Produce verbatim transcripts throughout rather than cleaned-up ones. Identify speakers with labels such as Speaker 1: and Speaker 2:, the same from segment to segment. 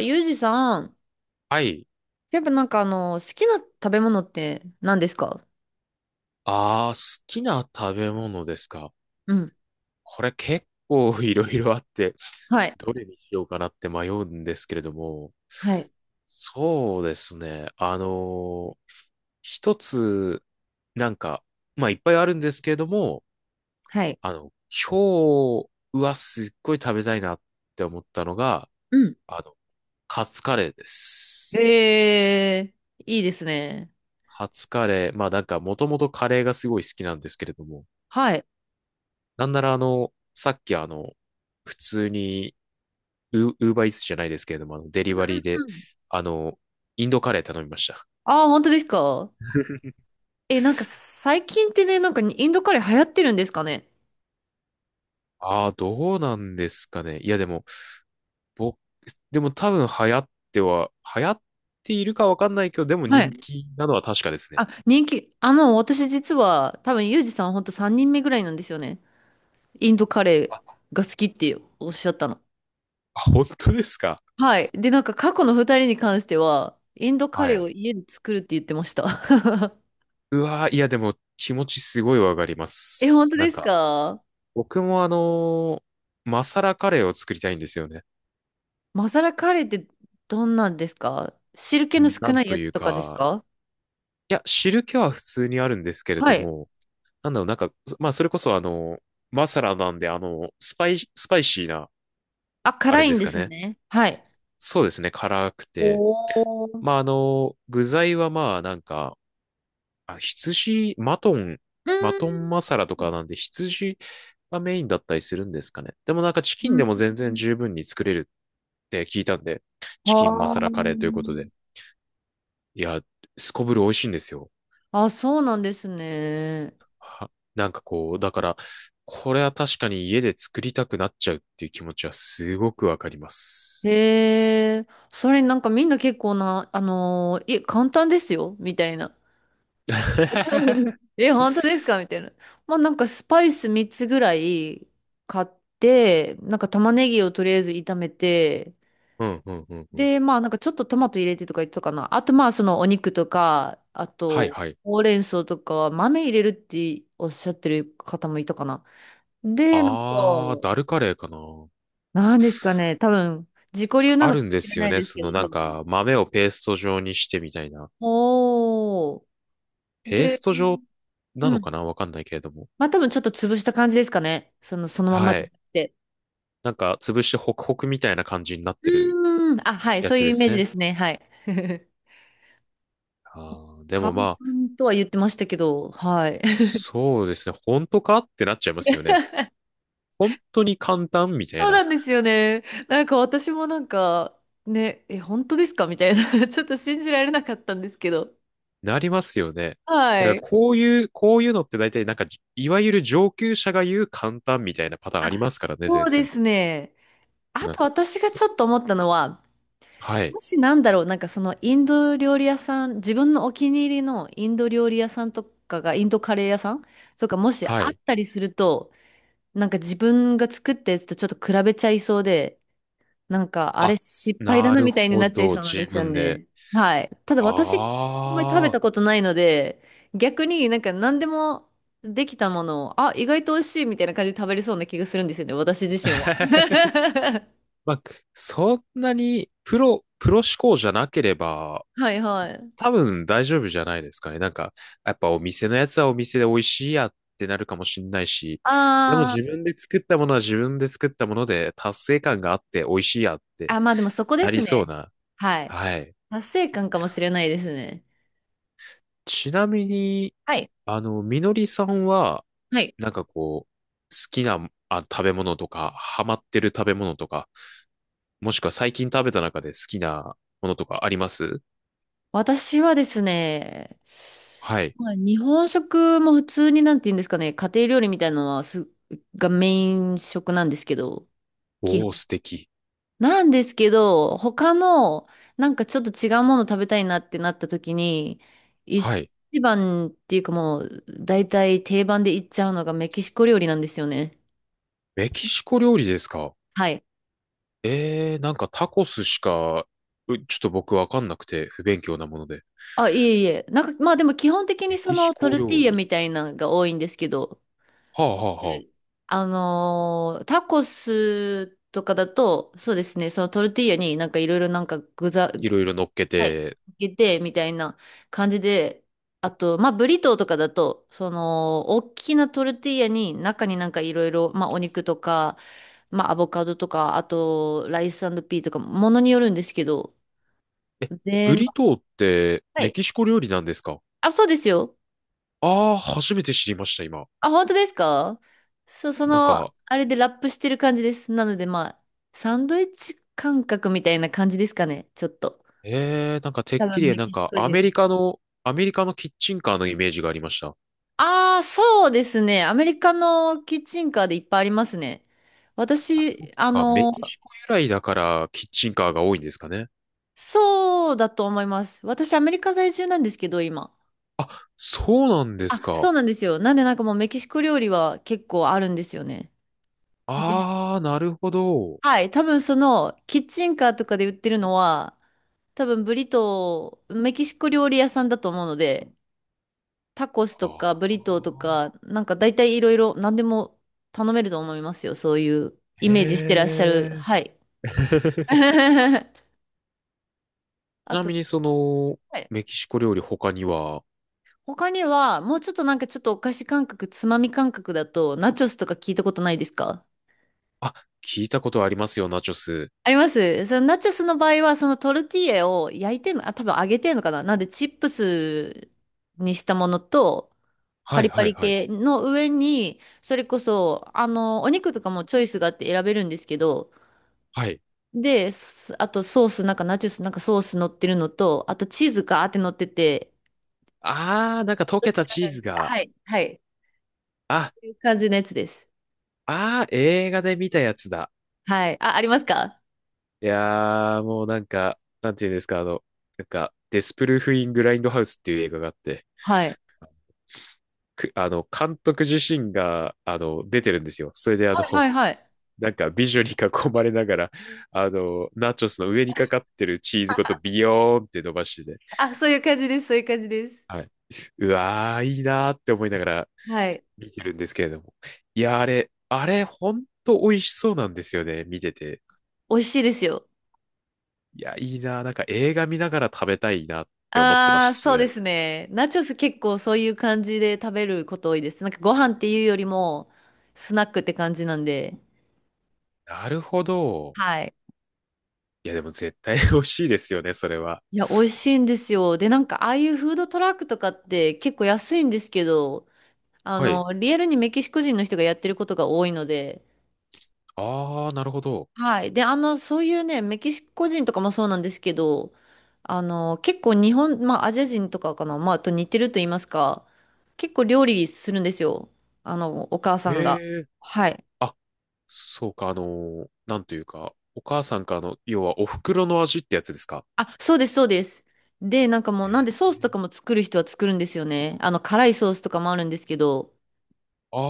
Speaker 1: あ、ユージさん。
Speaker 2: はい。
Speaker 1: やっぱなんかあの、好きな食べ物って何ですか？
Speaker 2: ああ、好きな食べ物ですか。
Speaker 1: うん。
Speaker 2: これ結構 いろいろあって、
Speaker 1: はい。
Speaker 2: どれにしようかなって迷うんですけれども、
Speaker 1: はい。
Speaker 2: そうですね。あの一つ、なんか、まあいっぱいあるんですけれども、
Speaker 1: はい。
Speaker 2: あの、今日はすっごい食べたいなって思ったのが、
Speaker 1: うん。
Speaker 2: あの、カツカレーです。
Speaker 1: へえ、いいですね。
Speaker 2: カツカレー、まあなんかもともとカレーがすごい好きなんですけれども、
Speaker 1: はい。
Speaker 2: なんならあの、さっきあの、普通にウ、ウーバーイーツじゃないですけれども、あの、デリ
Speaker 1: う
Speaker 2: バ
Speaker 1: ん
Speaker 2: リーで、
Speaker 1: うんうん。
Speaker 2: あの、インドカレー頼みました。
Speaker 1: ああ、本当ですか？え、なんか最近ってね、なんかインドカレー流行ってるんですかね？
Speaker 2: ああ、どうなんですかね。いや、でも、僕、でも多分流行っては、流行っているかわかんないけど、でも
Speaker 1: は
Speaker 2: 人
Speaker 1: い。
Speaker 2: 気なのは確かですね。
Speaker 1: あ、人気、あの、私実は多分ユージさんほんとさんにんめぐらいなんですよね。インドカレ
Speaker 2: あ、
Speaker 1: ーが好きっておっしゃったの。
Speaker 2: あ本当ですか。
Speaker 1: はい。で、なんか過去のふたりに関しては、インドカ
Speaker 2: は
Speaker 1: レー
Speaker 2: い。
Speaker 1: を家で作るって言ってました。
Speaker 2: うわー、いや、でも気持ちすごいわかりま
Speaker 1: え、本
Speaker 2: す。
Speaker 1: 当
Speaker 2: な
Speaker 1: で
Speaker 2: ん
Speaker 1: す
Speaker 2: か、
Speaker 1: か？
Speaker 2: 僕もあのーマサラカレーを作りたいんですよね。
Speaker 1: マサラカレーってどんなんですか？汁気の少
Speaker 2: なん
Speaker 1: ない
Speaker 2: と
Speaker 1: やつ
Speaker 2: いう
Speaker 1: とかです
Speaker 2: か、
Speaker 1: か？
Speaker 2: いや、汁気は普通にあるんですけれ
Speaker 1: は
Speaker 2: ど
Speaker 1: い。
Speaker 2: も、なんだろう、なんか、まあ、それこそあの、マサラなんで、あの、スパイ、スパイシーな、
Speaker 1: あ、
Speaker 2: あ
Speaker 1: 辛
Speaker 2: れ
Speaker 1: い
Speaker 2: で
Speaker 1: ん
Speaker 2: す
Speaker 1: で
Speaker 2: か
Speaker 1: す
Speaker 2: ね。
Speaker 1: ね。はい。
Speaker 2: そうですね、辛く
Speaker 1: お
Speaker 2: て。
Speaker 1: ー。
Speaker 2: まあ、あの、具材はまあ、なんか、あ、羊、マトン、マトンマサラとかなんで、羊がメインだったりするんですかね。でもなんか、チ
Speaker 1: う
Speaker 2: キンで
Speaker 1: ん。
Speaker 2: も全然十分に作れるって聞いたんで、チキンマ
Speaker 1: はあ
Speaker 2: サラカレーということ
Speaker 1: ー。
Speaker 2: で。いや、すこぶる美味しいんですよ。
Speaker 1: あ、そうなんですね。
Speaker 2: は、なんかこう、だから、これは確かに家で作りたくなっちゃうっていう気持ちはすごくわかります。
Speaker 1: へえ。それなんかみんな結構な、あのー、いえ、簡単ですよ、みたいな。え、本当ですかみたいな。まあなんかスパイスみっつぐらい買って、なんか玉ねぎをとりあえず炒めて、
Speaker 2: うん、うん、うん、うん。
Speaker 1: で、まあなんかちょっとトマト入れてとか言ってたかな。あとまあそのお肉とか、あ
Speaker 2: はい、
Speaker 1: と
Speaker 2: はい。
Speaker 1: ほうれん草とか豆入れるっておっしゃってる方もいたかな。で、なんか、
Speaker 2: あー、ダルカレーかな。
Speaker 1: なんですかね、多分自己流な
Speaker 2: あ
Speaker 1: のか
Speaker 2: る
Speaker 1: も
Speaker 2: んで
Speaker 1: しれ
Speaker 2: す
Speaker 1: な
Speaker 2: よ
Speaker 1: い
Speaker 2: ね。
Speaker 1: です
Speaker 2: そ
Speaker 1: けど、
Speaker 2: のな
Speaker 1: 多
Speaker 2: ん
Speaker 1: 分。
Speaker 2: か、豆をペースト状にしてみたいな。
Speaker 1: おー。
Speaker 2: ペース
Speaker 1: で、
Speaker 2: ト状な
Speaker 1: う
Speaker 2: の
Speaker 1: ん。
Speaker 2: かなわかんないけれども。
Speaker 1: まあ多分ちょっと潰した感じですかね。その、そのまま
Speaker 2: は
Speaker 1: じゃな
Speaker 2: い。
Speaker 1: くて。
Speaker 2: なんか、潰してホクホクみたいな感じになってる
Speaker 1: うーん。あ、はい。
Speaker 2: や
Speaker 1: そう
Speaker 2: つ
Speaker 1: いう
Speaker 2: で
Speaker 1: イメ
Speaker 2: す
Speaker 1: ージ
Speaker 2: ね。
Speaker 1: ですね。はい。
Speaker 2: あー、で
Speaker 1: 簡
Speaker 2: もまあ、
Speaker 1: 単とは言ってましたけど、はい。
Speaker 2: そうですね。本当かってなっちゃいますよね。本当に簡単みたい
Speaker 1: そう
Speaker 2: な。
Speaker 1: なんですよね。なんか私もなんか、ね、え、本当ですかみたいな ちょっと信じられなかったんですけど。
Speaker 2: なりますよね。
Speaker 1: は
Speaker 2: なんか
Speaker 1: い。
Speaker 2: こういう、こういうのって大体なんかいわゆる上級者が言う簡単みたいなパターンありますからね、
Speaker 1: そ
Speaker 2: 全
Speaker 1: うで
Speaker 2: 然。
Speaker 1: すね。あ
Speaker 2: なん
Speaker 1: と
Speaker 2: か、
Speaker 1: 私が
Speaker 2: そ
Speaker 1: ちょっと思ったのは、
Speaker 2: は
Speaker 1: も
Speaker 2: い、
Speaker 1: しなんだろう、なんかそのインド料理屋さん、自分のお気に入りのインド料理屋さんとかが、インドカレー屋さんとかもしあ
Speaker 2: は
Speaker 1: っ
Speaker 2: い。
Speaker 1: たりすると、なんか自分が作ったやつとちょっと比べちゃいそうで、なんか、あれ
Speaker 2: あ、
Speaker 1: 失敗だ
Speaker 2: な
Speaker 1: な
Speaker 2: る
Speaker 1: みたいに
Speaker 2: ほ
Speaker 1: なっちゃい
Speaker 2: ど、
Speaker 1: そうなんで
Speaker 2: 自
Speaker 1: すよ
Speaker 2: 分で。
Speaker 1: ね。はい。ただ私、あんまり食べ
Speaker 2: ああ。
Speaker 1: たことないので、逆になんか何でもできたものを、あ、意外と美味しいみたいな感じで食べれそうな気がするんですよね、私自身は。
Speaker 2: まあ、そんなにプロ、プロ思考じゃなければ、
Speaker 1: はいはい。
Speaker 2: 多分大丈夫じゃないですかね。なんか、やっぱお店のやつはお店で美味しいやってなるかもしんないし、でも
Speaker 1: あ
Speaker 2: 自
Speaker 1: ー、
Speaker 2: 分で作ったものは自分で作ったもので達成感があって美味しいやって
Speaker 1: あ、まあでもそこで
Speaker 2: なり
Speaker 1: す
Speaker 2: そう
Speaker 1: ね。
Speaker 2: な。
Speaker 1: はい。
Speaker 2: はい。
Speaker 1: 達成感かもしれないですね。
Speaker 2: ちなみに、
Speaker 1: はい。
Speaker 2: あの、みのりさんは、
Speaker 1: はい。
Speaker 2: なんかこう、好きな、あ、食べ物とか、ハマってる食べ物とか、もしくは最近食べた中で好きなものとかあります？
Speaker 1: 私はですね、
Speaker 2: はい。
Speaker 1: まあ、日本食も普通になんて言うんですかね、家庭料理みたいなのはす、がメイン食なんですけど、基
Speaker 2: おー、
Speaker 1: 本。
Speaker 2: 素敵。
Speaker 1: なんですけど、他のなんかちょっと違うもの食べたいなってなった時に、一
Speaker 2: はい。
Speaker 1: 番っていうかもう大体定番でいっちゃうのがメキシコ料理なんですよね。
Speaker 2: メキシコ料理ですか？
Speaker 1: はい。
Speaker 2: ええー、なんかタコスしか、うちょっと僕わかんなくて、不勉強なもので。
Speaker 1: あ、いえいえ。なんかまあでも基本的
Speaker 2: メ
Speaker 1: にそ
Speaker 2: キシ
Speaker 1: のト
Speaker 2: コ
Speaker 1: ルティー
Speaker 2: 料
Speaker 1: ヤ
Speaker 2: 理。
Speaker 1: みたいなのが多いんですけど、
Speaker 2: はあはあはあ。
Speaker 1: であのータコスとかだと、そうですね、そのトルティーヤになんかいろいろなんか具材、
Speaker 2: いろいろ乗っけ
Speaker 1: はい、か
Speaker 2: て。
Speaker 1: けてみたいな感じで、あと、まあ、ブリトーとかだと、その、大きなトルティーヤに中になんかいろいろ、まあ、お肉とか、まあ、アボカドとか、あと、ライスピーとか、ものによるんですけど、
Speaker 2: え、ブ
Speaker 1: 全部、
Speaker 2: リトーって
Speaker 1: は
Speaker 2: メ
Speaker 1: い。
Speaker 2: キシコ料理なんですか？
Speaker 1: あ、そうですよ。
Speaker 2: ああー、初めて知りました、今。
Speaker 1: あ、本当ですか？そ、そ
Speaker 2: なん
Speaker 1: の、
Speaker 2: か、
Speaker 1: あれでラップしてる感じです。なので、まあ、サンドイッチ感覚みたいな感じですかね、ちょっと。
Speaker 2: ええー、なんかてっ
Speaker 1: 多
Speaker 2: き
Speaker 1: 分
Speaker 2: り
Speaker 1: メ
Speaker 2: なん
Speaker 1: キシ
Speaker 2: か
Speaker 1: コ
Speaker 2: ア
Speaker 1: 人。
Speaker 2: メリカの、アメリカのキッチンカーのイメージがありました。
Speaker 1: ああ、そうですね。アメリカのキッチンカーでいっぱいありますね。
Speaker 2: あ、そっ
Speaker 1: 私、あ
Speaker 2: か、メ
Speaker 1: の、
Speaker 2: キシコ由来だからキッチンカーが多いんですかね。
Speaker 1: そうだと思います。私、アメリカ在住なんですけど、今。
Speaker 2: あ、そうなんです
Speaker 1: あ、そ
Speaker 2: か。
Speaker 1: うなんですよ。なんで、なんかもうメキシコ料理は結構あるんですよね。で、
Speaker 2: ああ、なるほど。
Speaker 1: はい、多分その、キッチンカーとかで売ってるのは、多分ブリトー、メキシコ料理屋さんだと思うので、タコス
Speaker 2: あ
Speaker 1: とか
Speaker 2: ー。
Speaker 1: ブリトーとか、なんか大体いろいろ何でも頼めると思いますよ。そういうイ
Speaker 2: へ
Speaker 1: メージしてらっしゃる。
Speaker 2: え。
Speaker 1: はい。
Speaker 2: ち
Speaker 1: あ
Speaker 2: な
Speaker 1: と、
Speaker 2: みにその、
Speaker 1: はい。
Speaker 2: メキシコ料理他には？
Speaker 1: 他には、もうちょっとなんかちょっとお菓子感覚、つまみ感覚だと、ナチョスとか聞いたことないですか？
Speaker 2: あ、聞いたことありますよ、ナチョス。
Speaker 1: あります。そのナチョスの場合は、そのトルティーヤを焼いてんの、あ、多分揚げてんのかな、なんでチップスにしたものと、パ
Speaker 2: はい
Speaker 1: リパ
Speaker 2: はい
Speaker 1: リ
Speaker 2: はい。
Speaker 1: 系の上に、それこそ、あの、お肉とかもチョイスがあって選べるんですけど、
Speaker 2: はい。
Speaker 1: で、すあとソース、なんかナチュス、なんかソース乗ってるのと、あとチーズがーって乗ってて、
Speaker 2: あー、なんか溶
Speaker 1: そ
Speaker 2: け
Speaker 1: して
Speaker 2: たチ
Speaker 1: あ
Speaker 2: ー
Speaker 1: る
Speaker 2: ズ
Speaker 1: ん
Speaker 2: が、
Speaker 1: はい、はい。そ
Speaker 2: あ、
Speaker 1: ういう感じのやつです。
Speaker 2: あー、映画で見たやつだ。
Speaker 1: はい。あ、ありますか？
Speaker 2: いやー、もうなんか、なんていうんですか、あの、なんか、デスプルーフ・イン・グラインドハウスっていう映画があって、
Speaker 1: はい。
Speaker 2: く、あの、監督自身が、あの、出てるんですよ。それであ
Speaker 1: はい、は
Speaker 2: の、
Speaker 1: い、はい。
Speaker 2: なんか美女に囲まれながら、あの、ナチョスの上にかかってるチーズごとビヨーンって伸ばしてて、
Speaker 1: あ、そういう感じです、そういう感じです。
Speaker 2: はい。うわー、いいなーって思いながら
Speaker 1: はい。
Speaker 2: 見てるんですけれども。いやー、あれ、あれ、ほんと美味しそうなんですよね、見てて。
Speaker 1: 美味しいですよ。
Speaker 2: いや、いいなー、なんか映画見ながら食べたいなって思ってま
Speaker 1: ああ、
Speaker 2: した、そ
Speaker 1: そうで
Speaker 2: れ。
Speaker 1: すね。ナチョス結構そういう感じで食べること多いです。なんかご飯っていうよりも、スナックって感じなんで。
Speaker 2: なるほど。
Speaker 1: はい。
Speaker 2: いや、でも絶対美味しいですよね、それは。
Speaker 1: いや、美味しいんですよ。で、なんか、ああいうフードトラックとかって結構安いんですけど、あ
Speaker 2: はい。
Speaker 1: の、リアルにメキシコ人の人がやってることが多いので、
Speaker 2: あー、なるほど。
Speaker 1: はい。で、あの、そういうね、メキシコ人とかもそうなんですけど、あの、結構日本、まあ、アジア人とかかな、まあ、と似てると言いますか、結構料理するんですよ。あの、お母さんが。
Speaker 2: えー。
Speaker 1: はい。
Speaker 2: あ、そうか、あのーなんというか、お母さんからの、要はお袋の味ってやつですか？
Speaker 1: あ、そうです、そうです。で、なんかもう、なんで
Speaker 2: え。
Speaker 1: ソースとかも作る人は作るんですよね。あの、辛いソースとかもあるんですけど、
Speaker 2: ああ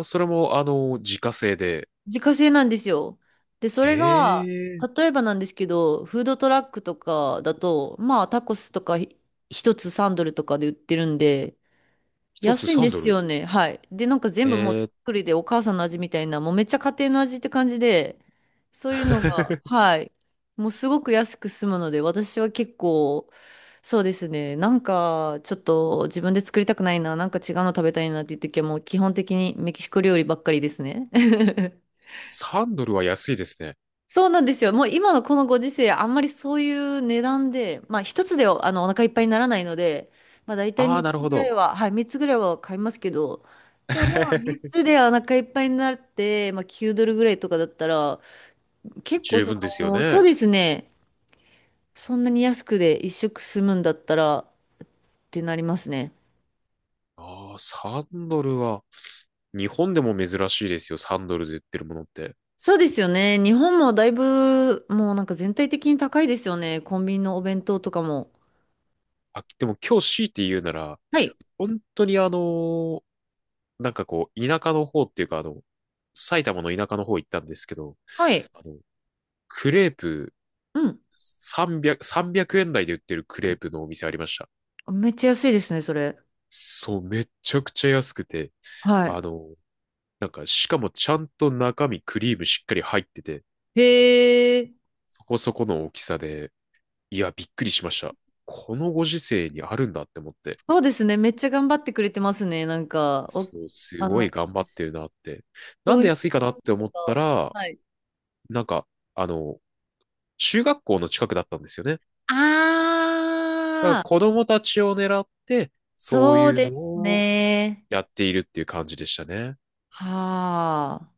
Speaker 2: ー、それも、あのー自家製で。
Speaker 1: 自家製なんですよ。で、そ
Speaker 2: え
Speaker 1: れが、
Speaker 2: えー、
Speaker 1: 例えばなんですけど、フードトラックとかだと、まあ、タコスとかひ一つさんドルとかで売ってるんで、
Speaker 2: 一つ
Speaker 1: 安いんです
Speaker 2: さんドルドル。
Speaker 1: よね。はい。で、なんか全
Speaker 2: え
Speaker 1: 部もう手
Speaker 2: ー、
Speaker 1: 作りでお母さんの味みたいな、もうめっちゃ家庭の味って感じで、そういうのが、はい。もうすごく安く済むので、私は結構、そうですね。なんか、ちょっと自分で作りたくないな、なんか違うの食べたいなっていう時はもう基本的にメキシコ料理ばっかりですね。
Speaker 2: さんドルドルは安いですね。
Speaker 1: そうなんですよ。もう今のこのご時世、あんまりそういう値段で、まあ一つであのお腹いっぱいにならないので、まあ大体
Speaker 2: ああ、
Speaker 1: みっつ
Speaker 2: なるほ
Speaker 1: ぐらい
Speaker 2: ど。
Speaker 1: は、はい、みっつぐらいは買いますけど、でもまあ3 つでお腹いっぱいになって、まあきゅうドルぐらいとかだったら、結構
Speaker 2: 十
Speaker 1: そ
Speaker 2: 分ですよ
Speaker 1: の、そう
Speaker 2: ね。
Speaker 1: ですね。そんなに安くで一食済むんだったらってなりますね。
Speaker 2: ああ、さんドルドルは、日本でも珍しいですよ、さんドルドルで売ってるものって。
Speaker 1: そうですよね。日本もだいぶもうなんか全体的に高いですよね。コンビニのお弁当とかも。
Speaker 2: あ、でも今日強いて言うなら、
Speaker 1: はい。
Speaker 2: 本当にあのーなんかこう、田舎の方っていうか、あの、埼玉の田舎の方行ったんですけど、
Speaker 1: はい。
Speaker 2: あの、クレープ
Speaker 1: うん。
Speaker 2: さんびゃく、さんえん台で売ってるクレープのお店ありました。
Speaker 1: めっちゃ安いですね、それ。
Speaker 2: そう、めちゃくちゃ安くて、
Speaker 1: は
Speaker 2: あの、なんか、しかもちゃんと中身クリームしっかり入ってて、
Speaker 1: い。へえ、
Speaker 2: そこそこの大きさで、いや、びっくりしました。このご時世にあるんだって思って、
Speaker 1: そうですね。めっちゃ頑張ってくれてますね。なんか、
Speaker 2: そ
Speaker 1: お、
Speaker 2: う、す
Speaker 1: あ
Speaker 2: ご
Speaker 1: の、
Speaker 2: い頑張ってるなって。な
Speaker 1: 消
Speaker 2: んで
Speaker 1: 費
Speaker 2: 安いかなって
Speaker 1: 者
Speaker 2: 思った
Speaker 1: と、
Speaker 2: ら、
Speaker 1: はい。
Speaker 2: なんか、あの、中学校の近くだったんですよね。だから
Speaker 1: ああ、
Speaker 2: 子供たちを狙って、そう
Speaker 1: そう
Speaker 2: いう
Speaker 1: で
Speaker 2: の
Speaker 1: す
Speaker 2: を
Speaker 1: ね。
Speaker 2: やっているっていう感じでしたね。
Speaker 1: はあ。